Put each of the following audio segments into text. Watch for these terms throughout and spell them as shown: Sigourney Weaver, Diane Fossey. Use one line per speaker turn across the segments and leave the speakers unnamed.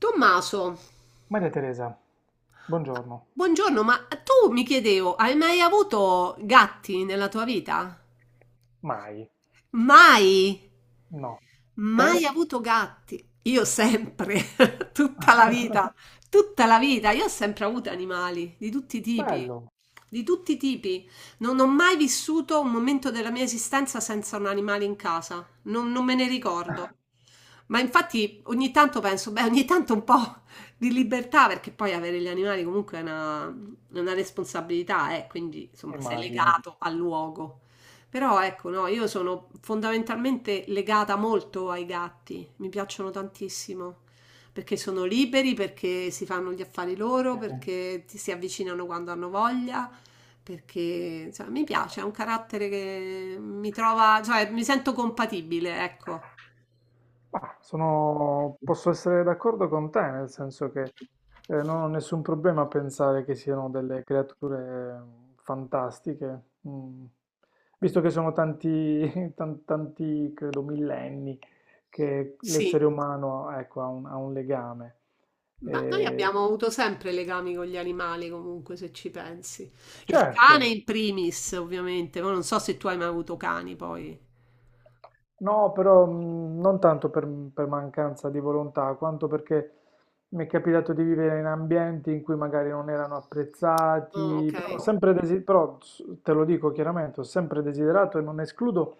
Tommaso,
Maria Teresa, buongiorno.
buongiorno, ma tu mi chiedevo, hai mai avuto gatti nella tua vita?
Mai.
Mai?
No. Te?
Mai avuto gatti? Io sempre, tutta la vita, tutta la vita. Io ho sempre avuto animali di tutti i tipi,
Bello,
di tutti i tipi. Non ho mai vissuto un momento della mia esistenza senza un animale in casa. Non me ne ricordo. Ma infatti ogni tanto penso, beh, ogni tanto un po' di libertà, perché poi avere gli animali comunque è una responsabilità, quindi insomma sei
immagino.
legato al luogo. Però ecco, no, io sono fondamentalmente legata molto ai gatti, mi piacciono tantissimo, perché sono liberi, perché si fanno gli affari loro,
Sì.
perché ti si avvicinano quando hanno voglia, perché insomma, mi piace, è un carattere che mi trova, cioè mi sento compatibile, ecco.
Ma sono... posso essere d'accordo con te, nel senso che non ho nessun problema a pensare che siano delle creature fantastiche, mm, visto che sono tanti, tanti, credo, millenni che
Sì,
l'essere umano, ecco, ha ha un legame.
ma noi
Eh,
abbiamo avuto sempre legami con gli animali, comunque, se ci pensi. Il cane
certo.
in primis, ovviamente, ma non so se tu hai mai avuto cani poi.
No, però non tanto per mancanza di volontà, quanto perché mi è capitato di vivere in ambienti in cui magari non erano
Oh,
apprezzati, però, ho
ok.
sempre te lo dico chiaramente, ho sempre desiderato e non escludo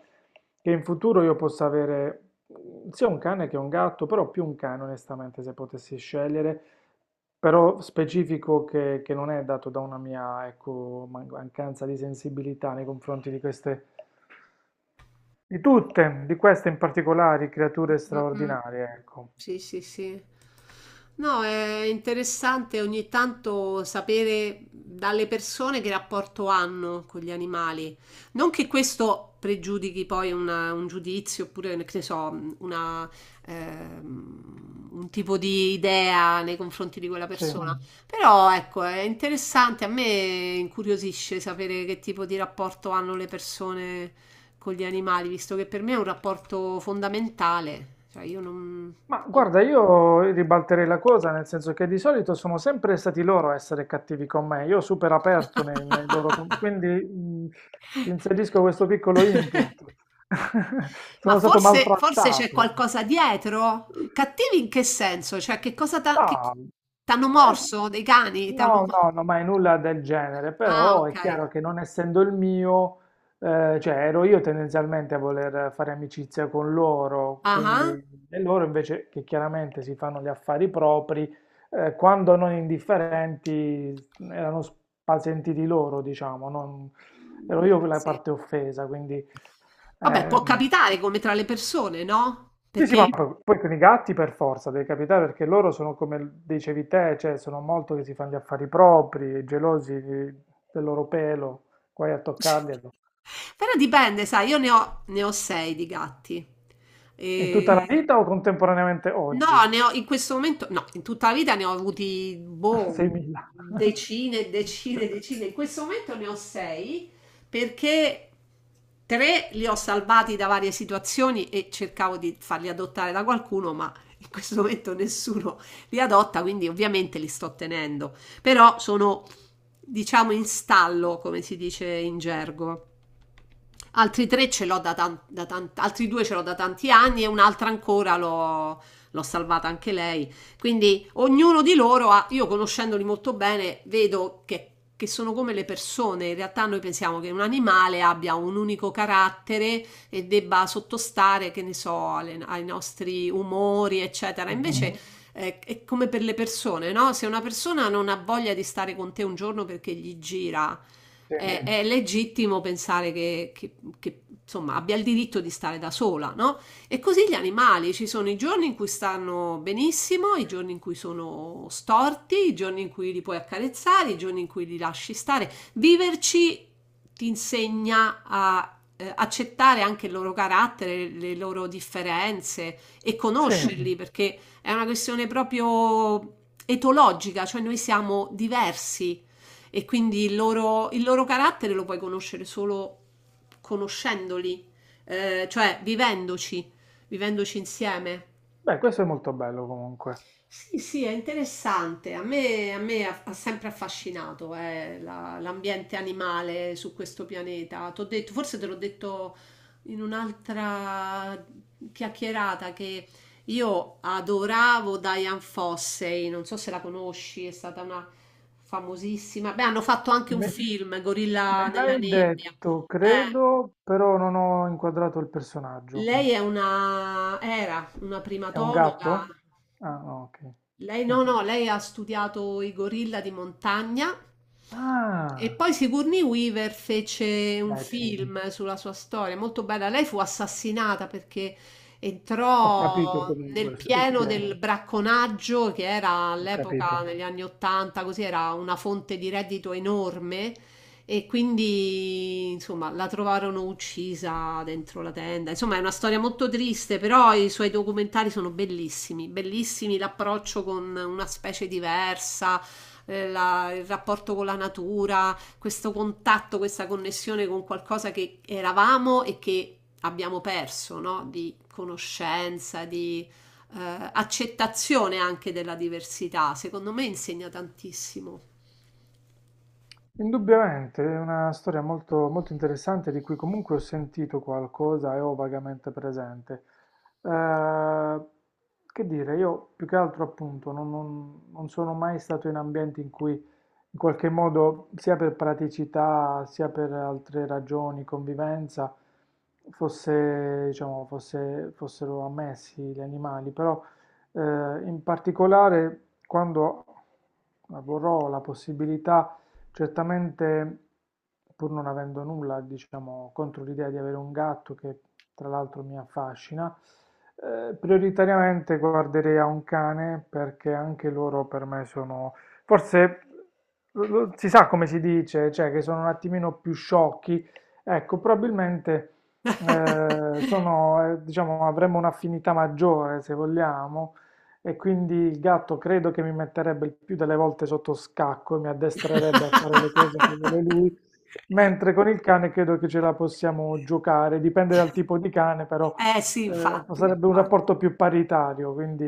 che in futuro io possa avere sia un cane che un gatto, però più un cane onestamente se potessi scegliere, però specifico che non è dato da una mia, ecco, mancanza di sensibilità nei confronti di queste, di tutte, di queste in particolare, creature
Mm, mm. Mm.
straordinarie, ecco.
Sì, sì, sì. No, è interessante ogni tanto sapere dalle persone che rapporto hanno con gli animali. Non che questo pregiudichi poi un giudizio oppure, che ne so, un tipo di idea nei confronti di quella
Sì.
persona. Mm. Però ecco, è interessante, a me incuriosisce sapere che tipo di rapporto hanno le persone con gli animali, visto che per me è un rapporto fondamentale. Cioè, io non...
Ma guarda, io ribalterei la cosa, nel senso che di solito sono sempre stati loro a essere cattivi con me, io super aperto nei loro... quindi ti inserisco questo piccolo input.
Ma
Sono stato
forse, forse c'è
maltrattato.
qualcosa dietro? Cattivi in che senso? Cioè, che cosa
No,
t'hanno
eh,
morso dei cani? T'hanno...
no, mai nulla del genere,
Ah,
però
ok.
è chiaro che non essendo il mio, cioè ero io tendenzialmente a voler fare amicizia con loro,
Ah,
quindi
ah.
e loro invece che chiaramente si fanno gli affari propri, quando non indifferenti erano spasentiti loro, diciamo,
Mm,
ero io quella
sì.
parte offesa, quindi
Vabbè, può
ehm,
capitare come tra le persone, no?
sì, sì, ma
Perché...
poi con i gatti per forza deve capitare perché loro sono come dicevi te, cioè sono molto che si fanno gli affari propri, gelosi del loro pelo, guai a toccarli.
Però dipende, sai, io ne ho sei di gatti.
In tutta la
E...
vita o contemporaneamente
No,
oggi?
ne ho in questo momento, no, in tutta la vita ne ho avuti, boh,
6.000.
decine, decine, decine. In questo momento ne ho sei perché tre li ho salvati da varie situazioni e cercavo di farli adottare da qualcuno, ma in questo momento nessuno li adotta, quindi ovviamente li sto tenendo. Però sono, diciamo, in stallo, come si dice in gergo. Altri tre ce l'ho altri due ce l'ho da tanti anni e un'altra ancora l'ho salvata anche lei. Quindi ognuno di loro ha, io conoscendoli molto bene, vedo che sono come le persone. In realtà noi pensiamo che un animale abbia un unico carattere e debba sottostare, che ne so, ai nostri umori, eccetera.
Mhm.
Invece è come per le persone, no? Se una persona non ha voglia di stare con te un giorno perché gli gira
Sì.
è legittimo pensare che, insomma, abbia il diritto di stare da sola, no? E così gli animali, ci sono i giorni in cui stanno benissimo, i giorni in cui sono storti, i giorni in cui li puoi accarezzare, i giorni in cui li lasci stare. Viverci ti insegna a accettare anche il loro carattere, le loro differenze e
Sì,
conoscerli, perché è una questione proprio etologica, cioè noi siamo diversi e quindi il loro carattere lo puoi conoscere solo conoscendoli, cioè vivendoci insieme.
beh, questo è molto bello comunque.
Sì, sì, è interessante. A me ha sempre affascinato l'ambiente animale su questo pianeta. T'ho detto, forse te l'ho detto in un'altra chiacchierata che io adoravo Diane Fossey, non so se la conosci, è stata una famosissima. Beh, hanno fatto anche un
Me,
film, Gorilla
me
nella
l'hai
nebbia.
detto,
Eh,
credo, però non ho inquadrato il personaggio.
Lei era una
È un
primatologa.
gatto? Ah, no, ok.
Lei no,
No.
no, lei ha studiato i gorilla di montagna e
Ah.
poi Sigourney Weaver fece un
Beh, sì,
film sulla sua storia, molto bella. Lei fu assassinata perché
ho capito
entrò nel
comunque e chi
pieno
è,
del bracconaggio che era
ho
all'epoca,
capito.
negli anni Ottanta, così era una fonte di reddito enorme e quindi, insomma, la trovarono uccisa dentro la tenda. Insomma, è una storia molto triste, però i suoi documentari sono bellissimi, bellissimi l'approccio con una specie diversa, il rapporto con la natura, questo contatto, questa connessione con qualcosa che eravamo e che abbiamo perso, no? Di conoscenza, di accettazione anche della diversità. Secondo me insegna tantissimo.
Indubbiamente, è una storia molto, molto interessante di cui comunque ho sentito qualcosa e ho vagamente presente. Eh, che dire, io più che altro appunto non sono mai stato in ambienti in cui in qualche modo, sia per praticità, sia per altre ragioni, convivenza, fossero ammessi gli animali, però in particolare quando avrò la possibilità. Certamente, pur non avendo nulla, diciamo, contro l'idea di avere un gatto che tra l'altro mi affascina, prioritariamente guarderei a un cane perché anche loro per me sono, forse si sa come si dice, cioè che sono un attimino più sciocchi. Ecco, probabilmente sono, diciamo, avremmo un'affinità maggiore se vogliamo. E quindi il gatto credo che mi metterebbe il più delle volte sotto scacco e mi addestrerebbe a fare le cose che vuole lui, mentre con il cane credo che ce la possiamo giocare, dipende dal tipo di cane, però
Eh sì, infatti,
sarebbe un
infa
rapporto più paritario, quindi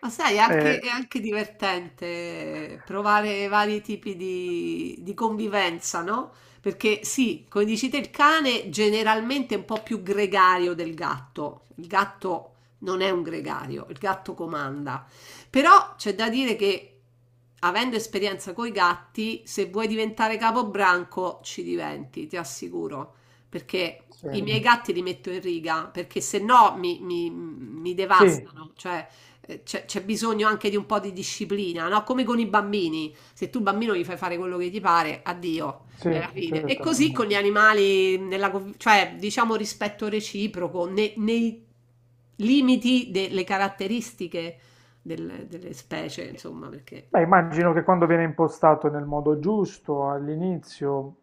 Ma sai, è
eh,
anche divertente provare vari tipi di convivenza, no? Perché sì, come dici te, il cane generalmente è un po' più gregario del gatto. Il gatto non è un gregario, il gatto comanda. Però c'è da dire che avendo esperienza coi gatti, se vuoi diventare capobranco ci diventi, ti assicuro. Perché
sì,
i miei gatti li metto in riga, perché se no mi
sì,
devastano. Cioè, c'è bisogno anche di un po' di disciplina, no? Come con i bambini, se tu bambino gli fai fare quello che ti pare, addio, è
sì,
la fine. E così
certamente.
con gli animali, cioè diciamo rispetto reciproco, nei limiti delle caratteristiche delle specie, insomma, perché
Beh, immagino che quando viene impostato nel modo giusto all'inizio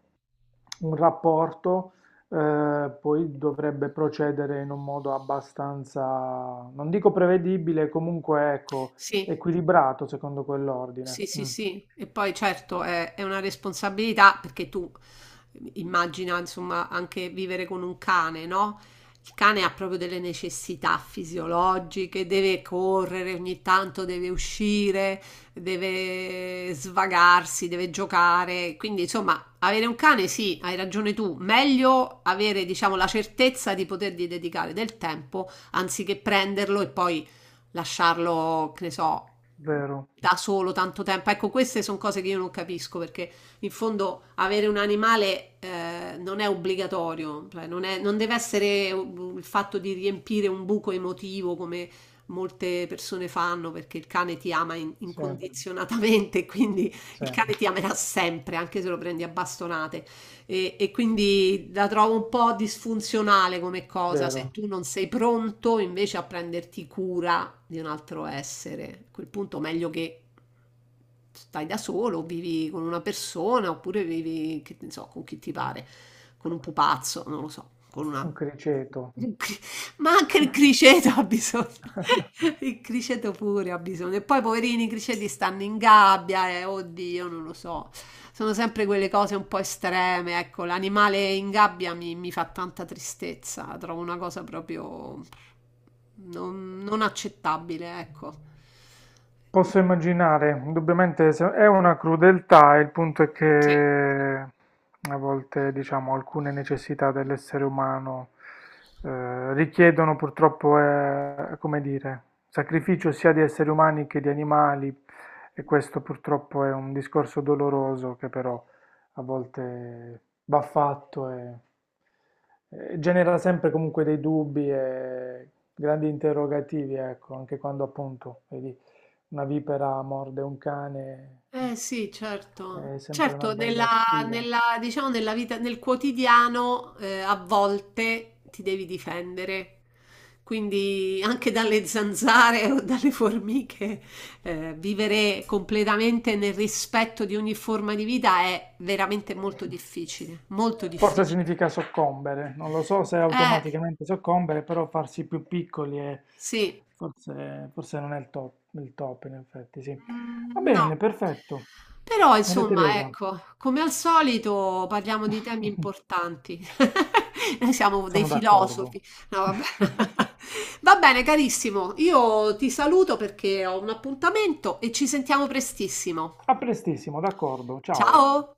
un rapporto, poi dovrebbe procedere in un modo abbastanza, non dico prevedibile, comunque ecco,
sì.
equilibrato secondo quell'ordine.
Sì, sì,
Mm,
sì, e poi certo è una responsabilità perché tu immagina insomma anche vivere con un cane, no? Il cane ha proprio delle necessità fisiologiche, deve correre ogni tanto, deve uscire, deve svagarsi, deve giocare. Quindi insomma avere un cane sì, hai ragione tu, meglio avere diciamo la certezza di potergli dedicare del tempo anziché prenderlo e poi lasciarlo, che ne so
vero,
da solo tanto tempo. Ecco, queste sono cose che io non capisco perché in fondo avere un animale non è obbligatorio, cioè non deve essere il fatto di riempire un buco emotivo come molte persone fanno perché il cane ti ama
sì,
incondizionatamente, quindi
sì,
il cane ti amerà sempre, anche se lo prendi a bastonate. E quindi la trovo un po' disfunzionale come cosa, se
vero,
tu non sei pronto invece a prenderti cura di un altro essere. A quel punto meglio che stai da solo, vivi con una persona, oppure vivi, che ne so, con chi ti pare, con un pupazzo, non lo so, con
un
una...
criceto.
un cri- ma anche il criceto ha bisogno, il criceto pure ha bisogno. E poi, poverini, i criceti stanno in gabbia, oddio, non lo so. Sono sempre quelle cose un po' estreme, ecco, l'animale in gabbia mi fa tanta tristezza, la trovo una cosa proprio non accettabile, ecco.
Posso
Eh,
immaginare, indubbiamente è una crudeltà, il punto è
sì.
che a volte, diciamo, alcune necessità dell'essere umano richiedono purtroppo, come dire, sacrificio sia di esseri umani che di animali e questo purtroppo è un discorso doloroso che però a volte va fatto e genera sempre comunque dei dubbi e grandi interrogativi, ecco, anche quando appunto, vedi una vipera morde un cane,
Eh sì, certo.
è sempre una
Certo,
bella sfida.
diciamo, nella vita, nel quotidiano, a volte ti devi difendere. Quindi anche dalle zanzare o dalle formiche, vivere completamente nel rispetto di ogni forma di vita è veramente molto difficile, molto
Forse
difficile.
significa soccombere, non lo so se
Eh,
automaticamente soccombere, però farsi più piccoli
sì,
forse, forse non è il top, in effetti, sì. Va
mm, no.
bene, perfetto.
Però,
Maria
insomma,
Teresa,
ecco, come al solito parliamo di temi importanti. Noi siamo dei
sono
filosofi.
d'accordo.
No, vabbè. Va bene, carissimo. Io ti saluto perché ho un appuntamento e ci sentiamo prestissimo.
A prestissimo, d'accordo, ciao.
Ciao!